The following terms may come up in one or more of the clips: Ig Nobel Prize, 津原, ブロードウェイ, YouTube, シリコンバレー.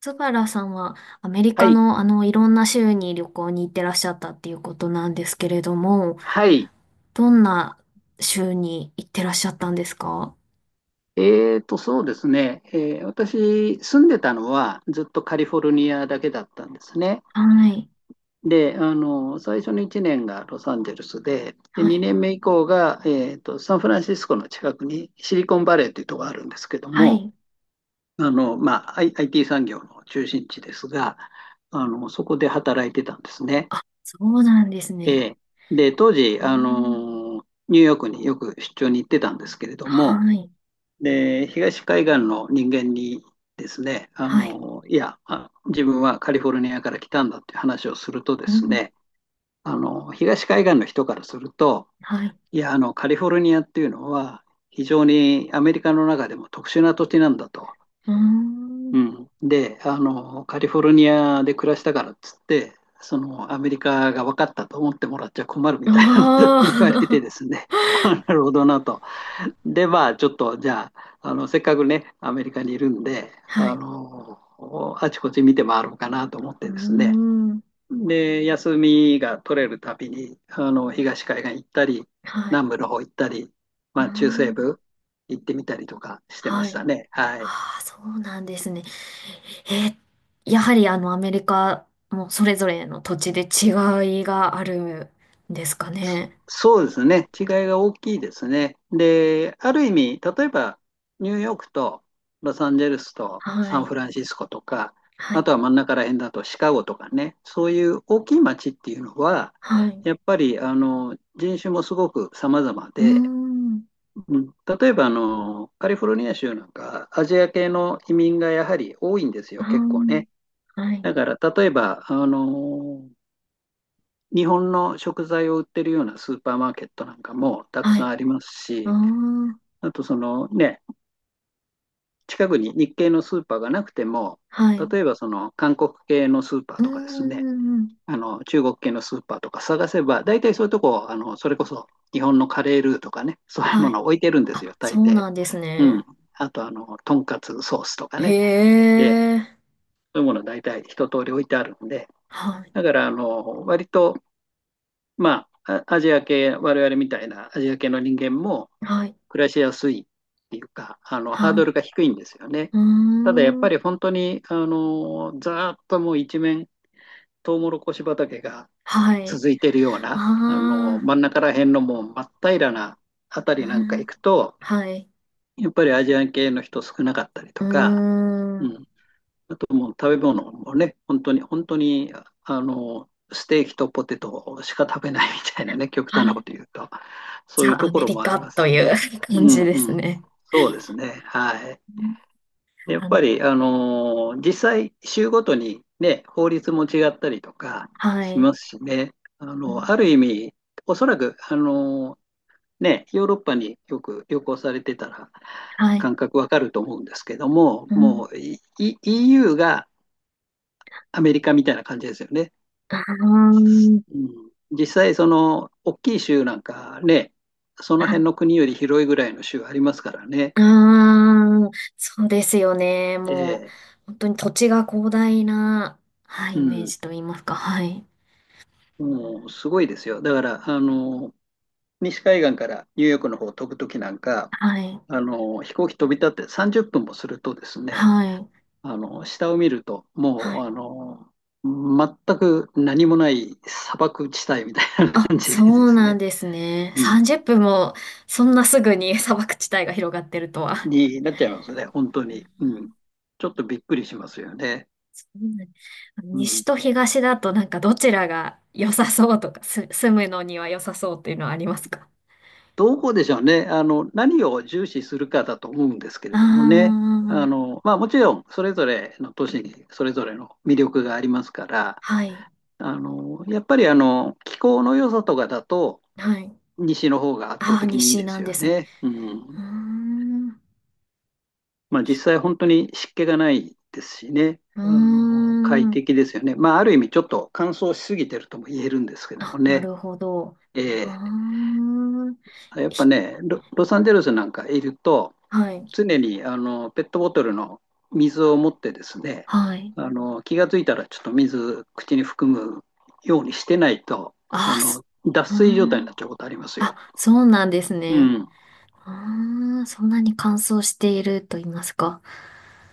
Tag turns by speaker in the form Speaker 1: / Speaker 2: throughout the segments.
Speaker 1: 津原さんはアメリ
Speaker 2: は
Speaker 1: カ
Speaker 2: い。
Speaker 1: のいろんな州に旅行に行ってらっしゃったっていうことなんですけれども、
Speaker 2: はい。
Speaker 1: どんな州に行ってらっしゃったんですか？
Speaker 2: そうですね。私、住んでたのはずっとカリフォルニアだけだったんですね。
Speaker 1: はい。
Speaker 2: で、最初の1年がロサンゼルスで、
Speaker 1: はい。
Speaker 2: 2年目以降が、サンフランシスコの近くにシリコンバレーというところがあるんですけど
Speaker 1: は
Speaker 2: も、
Speaker 1: い。
Speaker 2: IT 産業の中心地ですが、そこで働いてたんですね。
Speaker 1: あ、そうなんですね。
Speaker 2: えーで、当時、
Speaker 1: えー、
Speaker 2: ニューヨークによく出張に行ってたんですけれども、
Speaker 1: はい。
Speaker 2: で、東海岸の人間にですね、
Speaker 1: はい。
Speaker 2: 自分はカリフォルニアから来たんだっていう話をするとで
Speaker 1: う
Speaker 2: す
Speaker 1: ん。
Speaker 2: ね、東海岸の人からすると、
Speaker 1: はい。
Speaker 2: カリフォルニアっていうのは、非常にアメリカの中でも特殊な土地なんだと。
Speaker 1: うーん。
Speaker 2: うん、で、カリフォルニアで暮らしたからっつって、そのアメリカが分かったと思ってもらっちゃ困るみたいなことを言われて
Speaker 1: ああ。
Speaker 2: ですね、あなるほどなと。で、まあ、ちょっと、じゃあ、せっかくね、アメリカにいるんで、
Speaker 1: はい。
Speaker 2: あちこち見て回ろうかなと思っ
Speaker 1: うー
Speaker 2: てですね。
Speaker 1: ん。
Speaker 2: で、休みが取れるたびに、東海岸行ったり、
Speaker 1: はい。
Speaker 2: 南部の方行ったり、
Speaker 1: う
Speaker 2: ま
Speaker 1: ー
Speaker 2: あ、中西
Speaker 1: ん。
Speaker 2: 部行ってみたりとかしてま
Speaker 1: は
Speaker 2: した
Speaker 1: い。
Speaker 2: ね。はい。
Speaker 1: ああ、そうなんですね。えー、やはりアメリカもそれぞれの土地で違いがあるんですかね？
Speaker 2: そうですね。違いが大きいですね。で、ある意味、例えばニューヨークとロサンゼルスと
Speaker 1: は
Speaker 2: サン
Speaker 1: い。
Speaker 2: フランシスコとか、
Speaker 1: は
Speaker 2: あ
Speaker 1: い。
Speaker 2: とは真ん中ら辺だとシカゴとかね、そういう大きい街っていうのは、
Speaker 1: はい。
Speaker 2: やっぱり人種もすごく様々
Speaker 1: うー
Speaker 2: で、
Speaker 1: ん。
Speaker 2: うん、例えばカリフォルニア州なんかアジア系の移民がやはり多いんです
Speaker 1: あ
Speaker 2: よ、結構
Speaker 1: ー、
Speaker 2: ね。
Speaker 1: はい。
Speaker 2: だから例えば日本の食材を売ってるようなスーパーマーケットなんかもたく
Speaker 1: は
Speaker 2: さん
Speaker 1: い。
Speaker 2: あります
Speaker 1: あ
Speaker 2: し、
Speaker 1: あ。
Speaker 2: あとそのね、近くに日系のスーパーがなくても、
Speaker 1: はい。
Speaker 2: 例えばその韓国系のスーパー
Speaker 1: うー
Speaker 2: とかですね、
Speaker 1: ん。
Speaker 2: 中国系のスーパーとか探せば、大体そういうとこ、それこそ日本のカレールーとかね、そういう
Speaker 1: は
Speaker 2: もの
Speaker 1: い。
Speaker 2: を置いてるんですよ、
Speaker 1: あ、
Speaker 2: 大
Speaker 1: そう
Speaker 2: 抵。
Speaker 1: なんです
Speaker 2: うん。
Speaker 1: ね。
Speaker 2: あと、とんかつソースとかね、
Speaker 1: へ
Speaker 2: で、
Speaker 1: え。
Speaker 2: そういうもの大体一通り置いてあるんで、
Speaker 1: はい。
Speaker 2: だから、割とまあ、アジア系、我々みたいなアジア系の人間も
Speaker 1: はい。
Speaker 2: 暮らしやすいっていうか、ハー
Speaker 1: は
Speaker 2: ドル
Speaker 1: い。
Speaker 2: が低いんですよね。
Speaker 1: うー
Speaker 2: ただやっぱ
Speaker 1: ん。
Speaker 2: り本当に、ざーっともう一面、トウモロコシ畑が
Speaker 1: はい。
Speaker 2: 続いてるような、
Speaker 1: ああ。
Speaker 2: 真ん中ら辺のもう真っ平らなあた
Speaker 1: う
Speaker 2: りなんか行
Speaker 1: ん。
Speaker 2: くと、
Speaker 1: はい。
Speaker 2: やっぱりアジア系の人少なかったり
Speaker 1: う
Speaker 2: と
Speaker 1: ー
Speaker 2: か、う
Speaker 1: ん。
Speaker 2: ん、あともう食べ物もね、本当に、本当に、ステーキとポテトしか食べないみたいなね、極
Speaker 1: は
Speaker 2: 端なこ
Speaker 1: い。
Speaker 2: と言うと、そういう
Speaker 1: ザ・ア
Speaker 2: とこ
Speaker 1: メ
Speaker 2: ろ
Speaker 1: リ
Speaker 2: もあり
Speaker 1: カ
Speaker 2: ま
Speaker 1: と
Speaker 2: すし
Speaker 1: いう
Speaker 2: ね。
Speaker 1: 感
Speaker 2: う
Speaker 1: じ
Speaker 2: ん
Speaker 1: です
Speaker 2: うん。
Speaker 1: ね。
Speaker 2: そうですね。はい。
Speaker 1: うん、
Speaker 2: でやっ
Speaker 1: あ
Speaker 2: ぱ
Speaker 1: の
Speaker 2: り、実際、州ごとにね、法律も違ったりとか
Speaker 1: は
Speaker 2: し
Speaker 1: い。
Speaker 2: ますしね。
Speaker 1: う
Speaker 2: あ
Speaker 1: ん、
Speaker 2: る意味、おそらく、ね、ヨーロッパによく旅行されてたら、
Speaker 1: はい。
Speaker 2: 感覚わかると思うんですけども、
Speaker 1: うん。
Speaker 2: もういい EU がアメリカみたいな感じですよね。
Speaker 1: あー、
Speaker 2: うん、実際、その大きい州なんかね、その
Speaker 1: はい、
Speaker 2: 辺の国より広いぐらいの州ありますからね。
Speaker 1: あー、そうですよね。もう、
Speaker 2: ええ
Speaker 1: 本当に土地が広大な、はい、
Speaker 2: う
Speaker 1: イメー
Speaker 2: ん、
Speaker 1: ジと言いますか。はい。
Speaker 2: もうすごいですよ。だから、西海岸からニューヨークの方を飛ぶときなんか、
Speaker 1: はい。
Speaker 2: 飛行機飛び立って30分もするとですね、
Speaker 1: はい。
Speaker 2: 下を見ると、
Speaker 1: は
Speaker 2: もう、
Speaker 1: い。
Speaker 2: 全く何もない砂漠地帯みたいな
Speaker 1: あ、
Speaker 2: 感じで
Speaker 1: そ
Speaker 2: で
Speaker 1: う
Speaker 2: す
Speaker 1: なん
Speaker 2: ね、
Speaker 1: ですね。
Speaker 2: うん、
Speaker 1: 30分も、そんなすぐに砂漠地帯が広がってるとは。
Speaker 2: になっちゃいますね、本当に。うん。ちょっとびっくりしますよね。
Speaker 1: うん、
Speaker 2: う
Speaker 1: 西
Speaker 2: ん。
Speaker 1: と東だと、なんかどちらが良さそうとか、す、住むのには良さそうっていうのはありますか？
Speaker 2: どこでしょうね。何を重視するかだと思うんですけ
Speaker 1: あ
Speaker 2: れどもね。
Speaker 1: あー、
Speaker 2: まあもちろん、それぞれの都市にそれぞれの魅力がありますから、
Speaker 1: はい、
Speaker 2: あの、やっぱりあの、気候の良さとかだと、
Speaker 1: はい。
Speaker 2: 西の方が圧倒
Speaker 1: ああ、
Speaker 2: 的にいい
Speaker 1: 西
Speaker 2: で
Speaker 1: な
Speaker 2: す
Speaker 1: んで
Speaker 2: よ
Speaker 1: すね。
Speaker 2: ね。うん。
Speaker 1: うーん、う
Speaker 2: まあ実際本当に湿気がないですしね。
Speaker 1: ー
Speaker 2: 快
Speaker 1: ん。
Speaker 2: 適ですよね。まあある意味ちょっと乾燥しすぎてるとも言えるんですけども
Speaker 1: あ、な
Speaker 2: ね。
Speaker 1: るほど。うー
Speaker 2: ええ
Speaker 1: ん。
Speaker 2: やっぱ
Speaker 1: ひ、
Speaker 2: ね、ロサンゼルスなんかいると、
Speaker 1: はい、
Speaker 2: 常にペットボトルの水を持ってですね、
Speaker 1: はい。
Speaker 2: 気がついたらちょっと水口に含むようにしてないと、
Speaker 1: ああ、す、
Speaker 2: 脱
Speaker 1: うー
Speaker 2: 水状態に
Speaker 1: ん。
Speaker 2: なっちゃうことありますよ。
Speaker 1: あ、そうなんです
Speaker 2: う
Speaker 1: ね。
Speaker 2: ん、
Speaker 1: うーん、そんなに乾燥していると言いますか。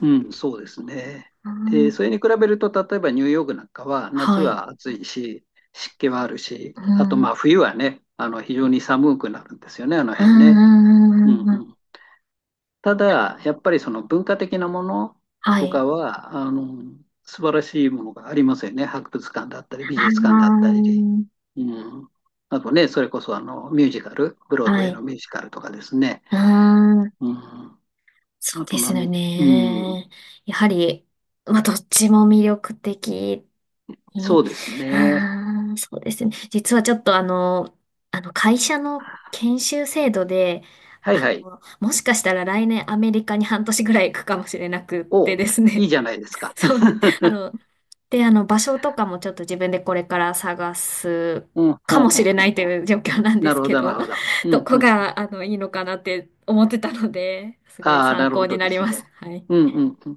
Speaker 2: うん、そうですね。
Speaker 1: うー
Speaker 2: で、
Speaker 1: ん、
Speaker 2: それに比べると、例えばニューヨークなんかは夏
Speaker 1: はい。
Speaker 2: は暑いし、湿気はあるし、
Speaker 1: う
Speaker 2: あとま
Speaker 1: ん、
Speaker 2: あ冬はね、非常に寒くなるんですよね、あの
Speaker 1: う
Speaker 2: 辺ね。
Speaker 1: ん、
Speaker 2: うんうん、ただ、やっぱりその文化的なもの
Speaker 1: は
Speaker 2: と
Speaker 1: い。
Speaker 2: かは、素晴らしいものがありますよね。博物館だったり、美術館だっ
Speaker 1: あ
Speaker 2: たり。うん。あとね、それこそミュージカル、ブロー
Speaker 1: あ、
Speaker 2: ド
Speaker 1: は
Speaker 2: ウェイ
Speaker 1: い。
Speaker 2: のミュージカルとかですね。
Speaker 1: ああ、
Speaker 2: うん。
Speaker 1: そ
Speaker 2: あ
Speaker 1: うで
Speaker 2: と
Speaker 1: す
Speaker 2: な
Speaker 1: よ
Speaker 2: ん、うん。
Speaker 1: ね。やはり、まあ、どっちも魅力的
Speaker 2: そ
Speaker 1: に。
Speaker 2: うですね。
Speaker 1: ああ、そうですね。実はちょっと会社の研修制度で、
Speaker 2: はいはい。
Speaker 1: もしかしたら来年アメリカに半年ぐらい行くかもしれなくっ
Speaker 2: お、
Speaker 1: てです
Speaker 2: いい
Speaker 1: ね。
Speaker 2: じゃないです か。
Speaker 1: そうなん、で、場所とかもちょっと自分でこれから探す
Speaker 2: うん、
Speaker 1: か
Speaker 2: ほん
Speaker 1: も
Speaker 2: ほ
Speaker 1: し
Speaker 2: ん
Speaker 1: れな
Speaker 2: ほ
Speaker 1: い
Speaker 2: ん
Speaker 1: と
Speaker 2: ほん。
Speaker 1: いう状況なんで
Speaker 2: なる
Speaker 1: す
Speaker 2: ほ
Speaker 1: け
Speaker 2: ど、な
Speaker 1: ど、
Speaker 2: るほど。う
Speaker 1: ど
Speaker 2: ん、
Speaker 1: こ
Speaker 2: うん。
Speaker 1: が、いいのかなって思ってたので、すごい
Speaker 2: ああ、な
Speaker 1: 参
Speaker 2: る
Speaker 1: 考
Speaker 2: ほ
Speaker 1: に
Speaker 2: ど
Speaker 1: な
Speaker 2: で
Speaker 1: り
Speaker 2: す
Speaker 1: ま
Speaker 2: ね。
Speaker 1: す。はい。
Speaker 2: うん、うん、うん。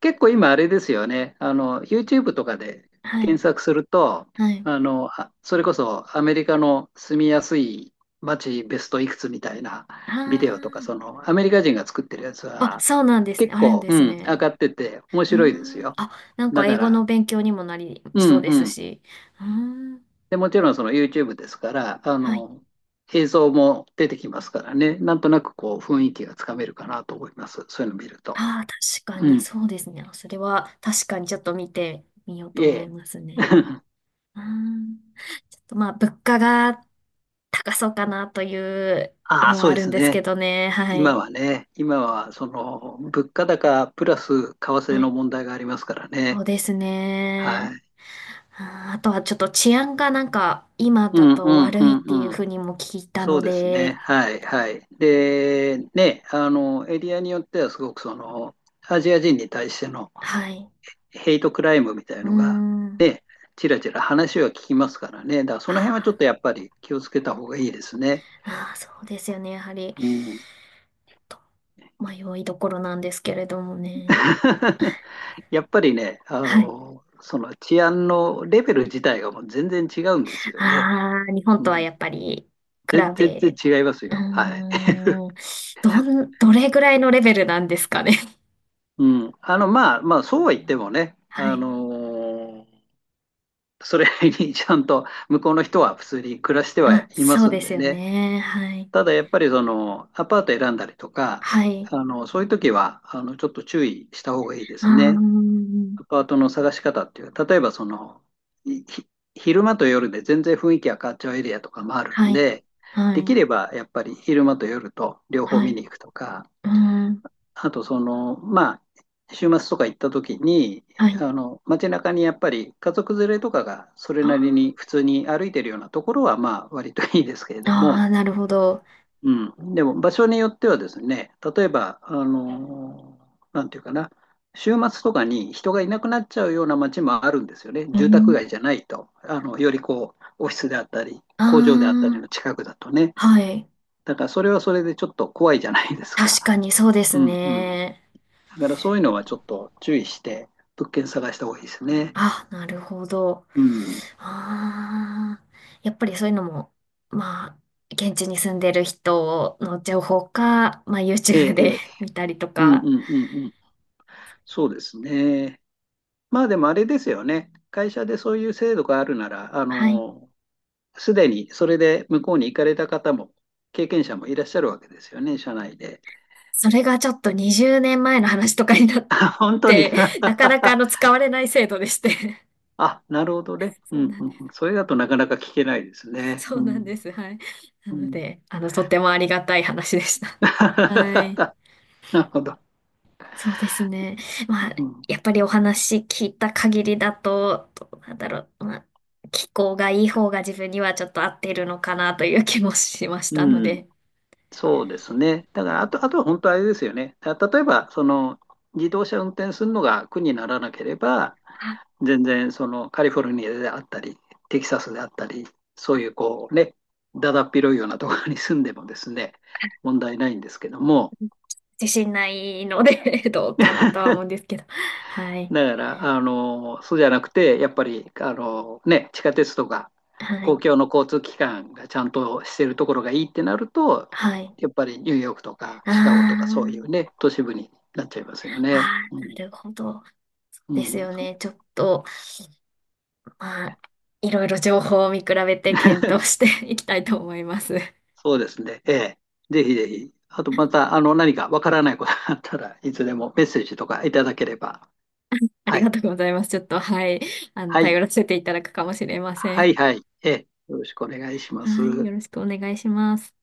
Speaker 2: 結構今あれですよね。YouTube とかで
Speaker 1: は
Speaker 2: 検
Speaker 1: い。
Speaker 2: 索すると、
Speaker 1: はい。
Speaker 2: それこそアメリカの住みやすい街ベストいくつみたいな
Speaker 1: あ
Speaker 2: ビデオとか、そのアメリカ人が作ってるやつ
Speaker 1: あ。あ、
Speaker 2: は
Speaker 1: そうなんですね。
Speaker 2: 結
Speaker 1: あるん
Speaker 2: 構、
Speaker 1: で
Speaker 2: う
Speaker 1: す
Speaker 2: ん、上
Speaker 1: ね。
Speaker 2: がってて面
Speaker 1: うー
Speaker 2: 白いです
Speaker 1: ん。
Speaker 2: よ。
Speaker 1: あ、なん
Speaker 2: だ
Speaker 1: か英
Speaker 2: か
Speaker 1: 語の
Speaker 2: ら、
Speaker 1: 勉強にもなり
Speaker 2: う
Speaker 1: そう
Speaker 2: ん
Speaker 1: で
Speaker 2: う
Speaker 1: す
Speaker 2: ん。
Speaker 1: し。うーん。
Speaker 2: で、もちろんその YouTube ですから、
Speaker 1: はい。
Speaker 2: 映像も出てきますからね。なんとなくこう雰囲気がつかめるかなと思います。そういうの見ると。
Speaker 1: ああ、確か
Speaker 2: う
Speaker 1: に、
Speaker 2: ん。
Speaker 1: そうですね。それは確かにちょっと見てみようと思い
Speaker 2: ええ。
Speaker 1: ますね。うーん。ちょっとまあ、物価が高そうかなという
Speaker 2: ああ、
Speaker 1: のは
Speaker 2: そう
Speaker 1: あ
Speaker 2: で
Speaker 1: るん
Speaker 2: す
Speaker 1: ですけ
Speaker 2: ね。
Speaker 1: どね。は
Speaker 2: 今
Speaker 1: い。
Speaker 2: はね、今はその物価高プラス為
Speaker 1: は
Speaker 2: 替の
Speaker 1: い。
Speaker 2: 問題がありますから
Speaker 1: そう
Speaker 2: ね。
Speaker 1: です
Speaker 2: は
Speaker 1: ね。
Speaker 2: い。
Speaker 1: あー、あとはちょっと治安がなんか今
Speaker 2: う
Speaker 1: だ
Speaker 2: んう
Speaker 1: と
Speaker 2: ん
Speaker 1: 悪
Speaker 2: う
Speaker 1: いっていう
Speaker 2: んうん。
Speaker 1: ふうにも聞いた
Speaker 2: そ
Speaker 1: の
Speaker 2: うですね。
Speaker 1: で、
Speaker 2: はいはい。で、ね、エリアによってはすごくその、アジア人に対しての
Speaker 1: はい。
Speaker 2: ヘイトクライムみたい
Speaker 1: うー
Speaker 2: のが、
Speaker 1: ん。
Speaker 2: ね、ちらちら話は聞きますからね。だからその辺はちょ
Speaker 1: あ
Speaker 2: っとやっぱり気をつけた方がいいですね。
Speaker 1: ーあー、そうですよね。やはり、
Speaker 2: うん。
Speaker 1: と迷いどころなんですけれどもね。
Speaker 2: やっぱりね、
Speaker 1: はい。
Speaker 2: その治安のレベル自体がもう全然違うんですよね。
Speaker 1: ああ、日本
Speaker 2: う
Speaker 1: とは
Speaker 2: ん、
Speaker 1: やっぱり比
Speaker 2: 全
Speaker 1: べ、
Speaker 2: 然違います
Speaker 1: うー
Speaker 2: よ。はい。
Speaker 1: ん、どん、どれぐらいのレベルなんですかね？
Speaker 2: うん。まあ、まあ、そうは言ってもね、
Speaker 1: はい。
Speaker 2: それにちゃんと向こうの人は普通に暮らしては
Speaker 1: あ、
Speaker 2: いま
Speaker 1: そう
Speaker 2: す
Speaker 1: で
Speaker 2: ん
Speaker 1: す
Speaker 2: で
Speaker 1: よ
Speaker 2: ね。
Speaker 1: ね。はい。
Speaker 2: ただやっぱりそのアパート選んだりとか、
Speaker 1: はい。
Speaker 2: そういう時はちょっと注意した方がいいで
Speaker 1: あ、
Speaker 2: すね。
Speaker 1: ー、
Speaker 2: アパートの探し方っていう、例えばそのひ昼間と夜で全然雰囲気が変わっちゃうエリアとかもある
Speaker 1: は
Speaker 2: ん
Speaker 1: い。
Speaker 2: で、
Speaker 1: は
Speaker 2: でき
Speaker 1: い。
Speaker 2: ればやっぱり昼間と夜と両方
Speaker 1: は
Speaker 2: 見
Speaker 1: い。
Speaker 2: に行くとか、
Speaker 1: うーん。
Speaker 2: あとその、まあ、週末とか行った時に、
Speaker 1: はい。
Speaker 2: 街中にやっぱり家族連れとかがそれ
Speaker 1: あ
Speaker 2: なりに普
Speaker 1: ー
Speaker 2: 通に歩いてるようなところは、まあ、割といいですけれど
Speaker 1: あー、
Speaker 2: も、
Speaker 1: あ、なるほど。
Speaker 2: うん。でも、場所によってはですね、例えば、あの、なんていうかな、週末とかに人がいなくなっちゃうような街もあるんですよね。
Speaker 1: う
Speaker 2: 住宅
Speaker 1: ん。
Speaker 2: 街じゃないと。よりこう、オフィスであったり、
Speaker 1: あ
Speaker 2: 工場であったり
Speaker 1: あ、
Speaker 2: の近くだとね。
Speaker 1: はい。
Speaker 2: だから、それはそれでちょっと怖いじゃないです
Speaker 1: 確
Speaker 2: か。
Speaker 1: かにそうです
Speaker 2: うんうん。
Speaker 1: ね。
Speaker 2: だからそういうのはちょっと注意して物件探した方がいいですね。
Speaker 1: あ、なるほど。
Speaker 2: うん。
Speaker 1: ああ、やっぱりそういうのも、まあ、現地に住んでる人の情報か、まあ、
Speaker 2: え
Speaker 1: YouTube
Speaker 2: え、え
Speaker 1: で
Speaker 2: え。
Speaker 1: 見たりと
Speaker 2: うんう
Speaker 1: か。
Speaker 2: んうんうん。そうですね。まあでもあれですよね。会社でそういう制度があるなら、
Speaker 1: はい。
Speaker 2: すでにそれで向こうに行かれた方も、経験者もいらっしゃるわけですよね、社内で。
Speaker 1: それがちょっと20年前の話とかになっ
Speaker 2: 本当に
Speaker 1: て、なかな か使われない制度でして。
Speaker 2: あ、なるほどね。う
Speaker 1: そう
Speaker 2: ん
Speaker 1: なん
Speaker 2: う
Speaker 1: で
Speaker 2: んうん。
Speaker 1: す。
Speaker 2: それだとなかなか聞けないですね。
Speaker 1: そう
Speaker 2: う
Speaker 1: なんで
Speaker 2: ん。
Speaker 1: す。はい。な
Speaker 2: う
Speaker 1: の
Speaker 2: ん。
Speaker 1: で、とってもありがたい話でした。はい。
Speaker 2: なるほど。
Speaker 1: そうですね。まあ、
Speaker 2: うん。
Speaker 1: やっぱりお話聞いた限りだと、どうなんだろう。まあ、気候がいい方が自分にはちょっと合ってるのかなという気もしましたの
Speaker 2: うん、
Speaker 1: で、
Speaker 2: そうですね。だから、あと、あとは本当あれですよね。例えば、その、自動車運転するのが苦にならなければ、
Speaker 1: あ、
Speaker 2: 全然、その、カリフォルニアであったり、テキサスであったり、そういう、こうね、だだっ広いようなところに住んでもですね、問題ないんですけども、
Speaker 1: 自信ないので どうかなとは思うんですけど。はい。
Speaker 2: だから、そうじゃなくて、やっぱり、ね、地下鉄とか、
Speaker 1: は
Speaker 2: 公
Speaker 1: い。
Speaker 2: 共の交通機関がちゃんとしてるところがいいってなると、
Speaker 1: はい。
Speaker 2: やっぱりニューヨークとか
Speaker 1: あ
Speaker 2: シカゴとかそういう
Speaker 1: あ、
Speaker 2: ね、都市部になっちゃいますよ
Speaker 1: あ
Speaker 2: ね。う
Speaker 1: あ、な
Speaker 2: ん、
Speaker 1: るほど。
Speaker 2: う
Speaker 1: です
Speaker 2: ん、
Speaker 1: よね。ちょっと、まあ、いろいろ情報を見比べて検討して いきたいと思います。
Speaker 2: そうですね。ええ、ぜひぜひ。あと、また、何かわからないことがあったらいつでもメッセージとかいただければ。
Speaker 1: あり
Speaker 2: はい。
Speaker 1: がとうございます。ちょっと、はい。
Speaker 2: はい。
Speaker 1: 頼らせていただくかもしれませ
Speaker 2: はい、
Speaker 1: ん。
Speaker 2: はい。ええ、よろしくお願いしま
Speaker 1: はい。よ
Speaker 2: す。
Speaker 1: ろしくお願いします。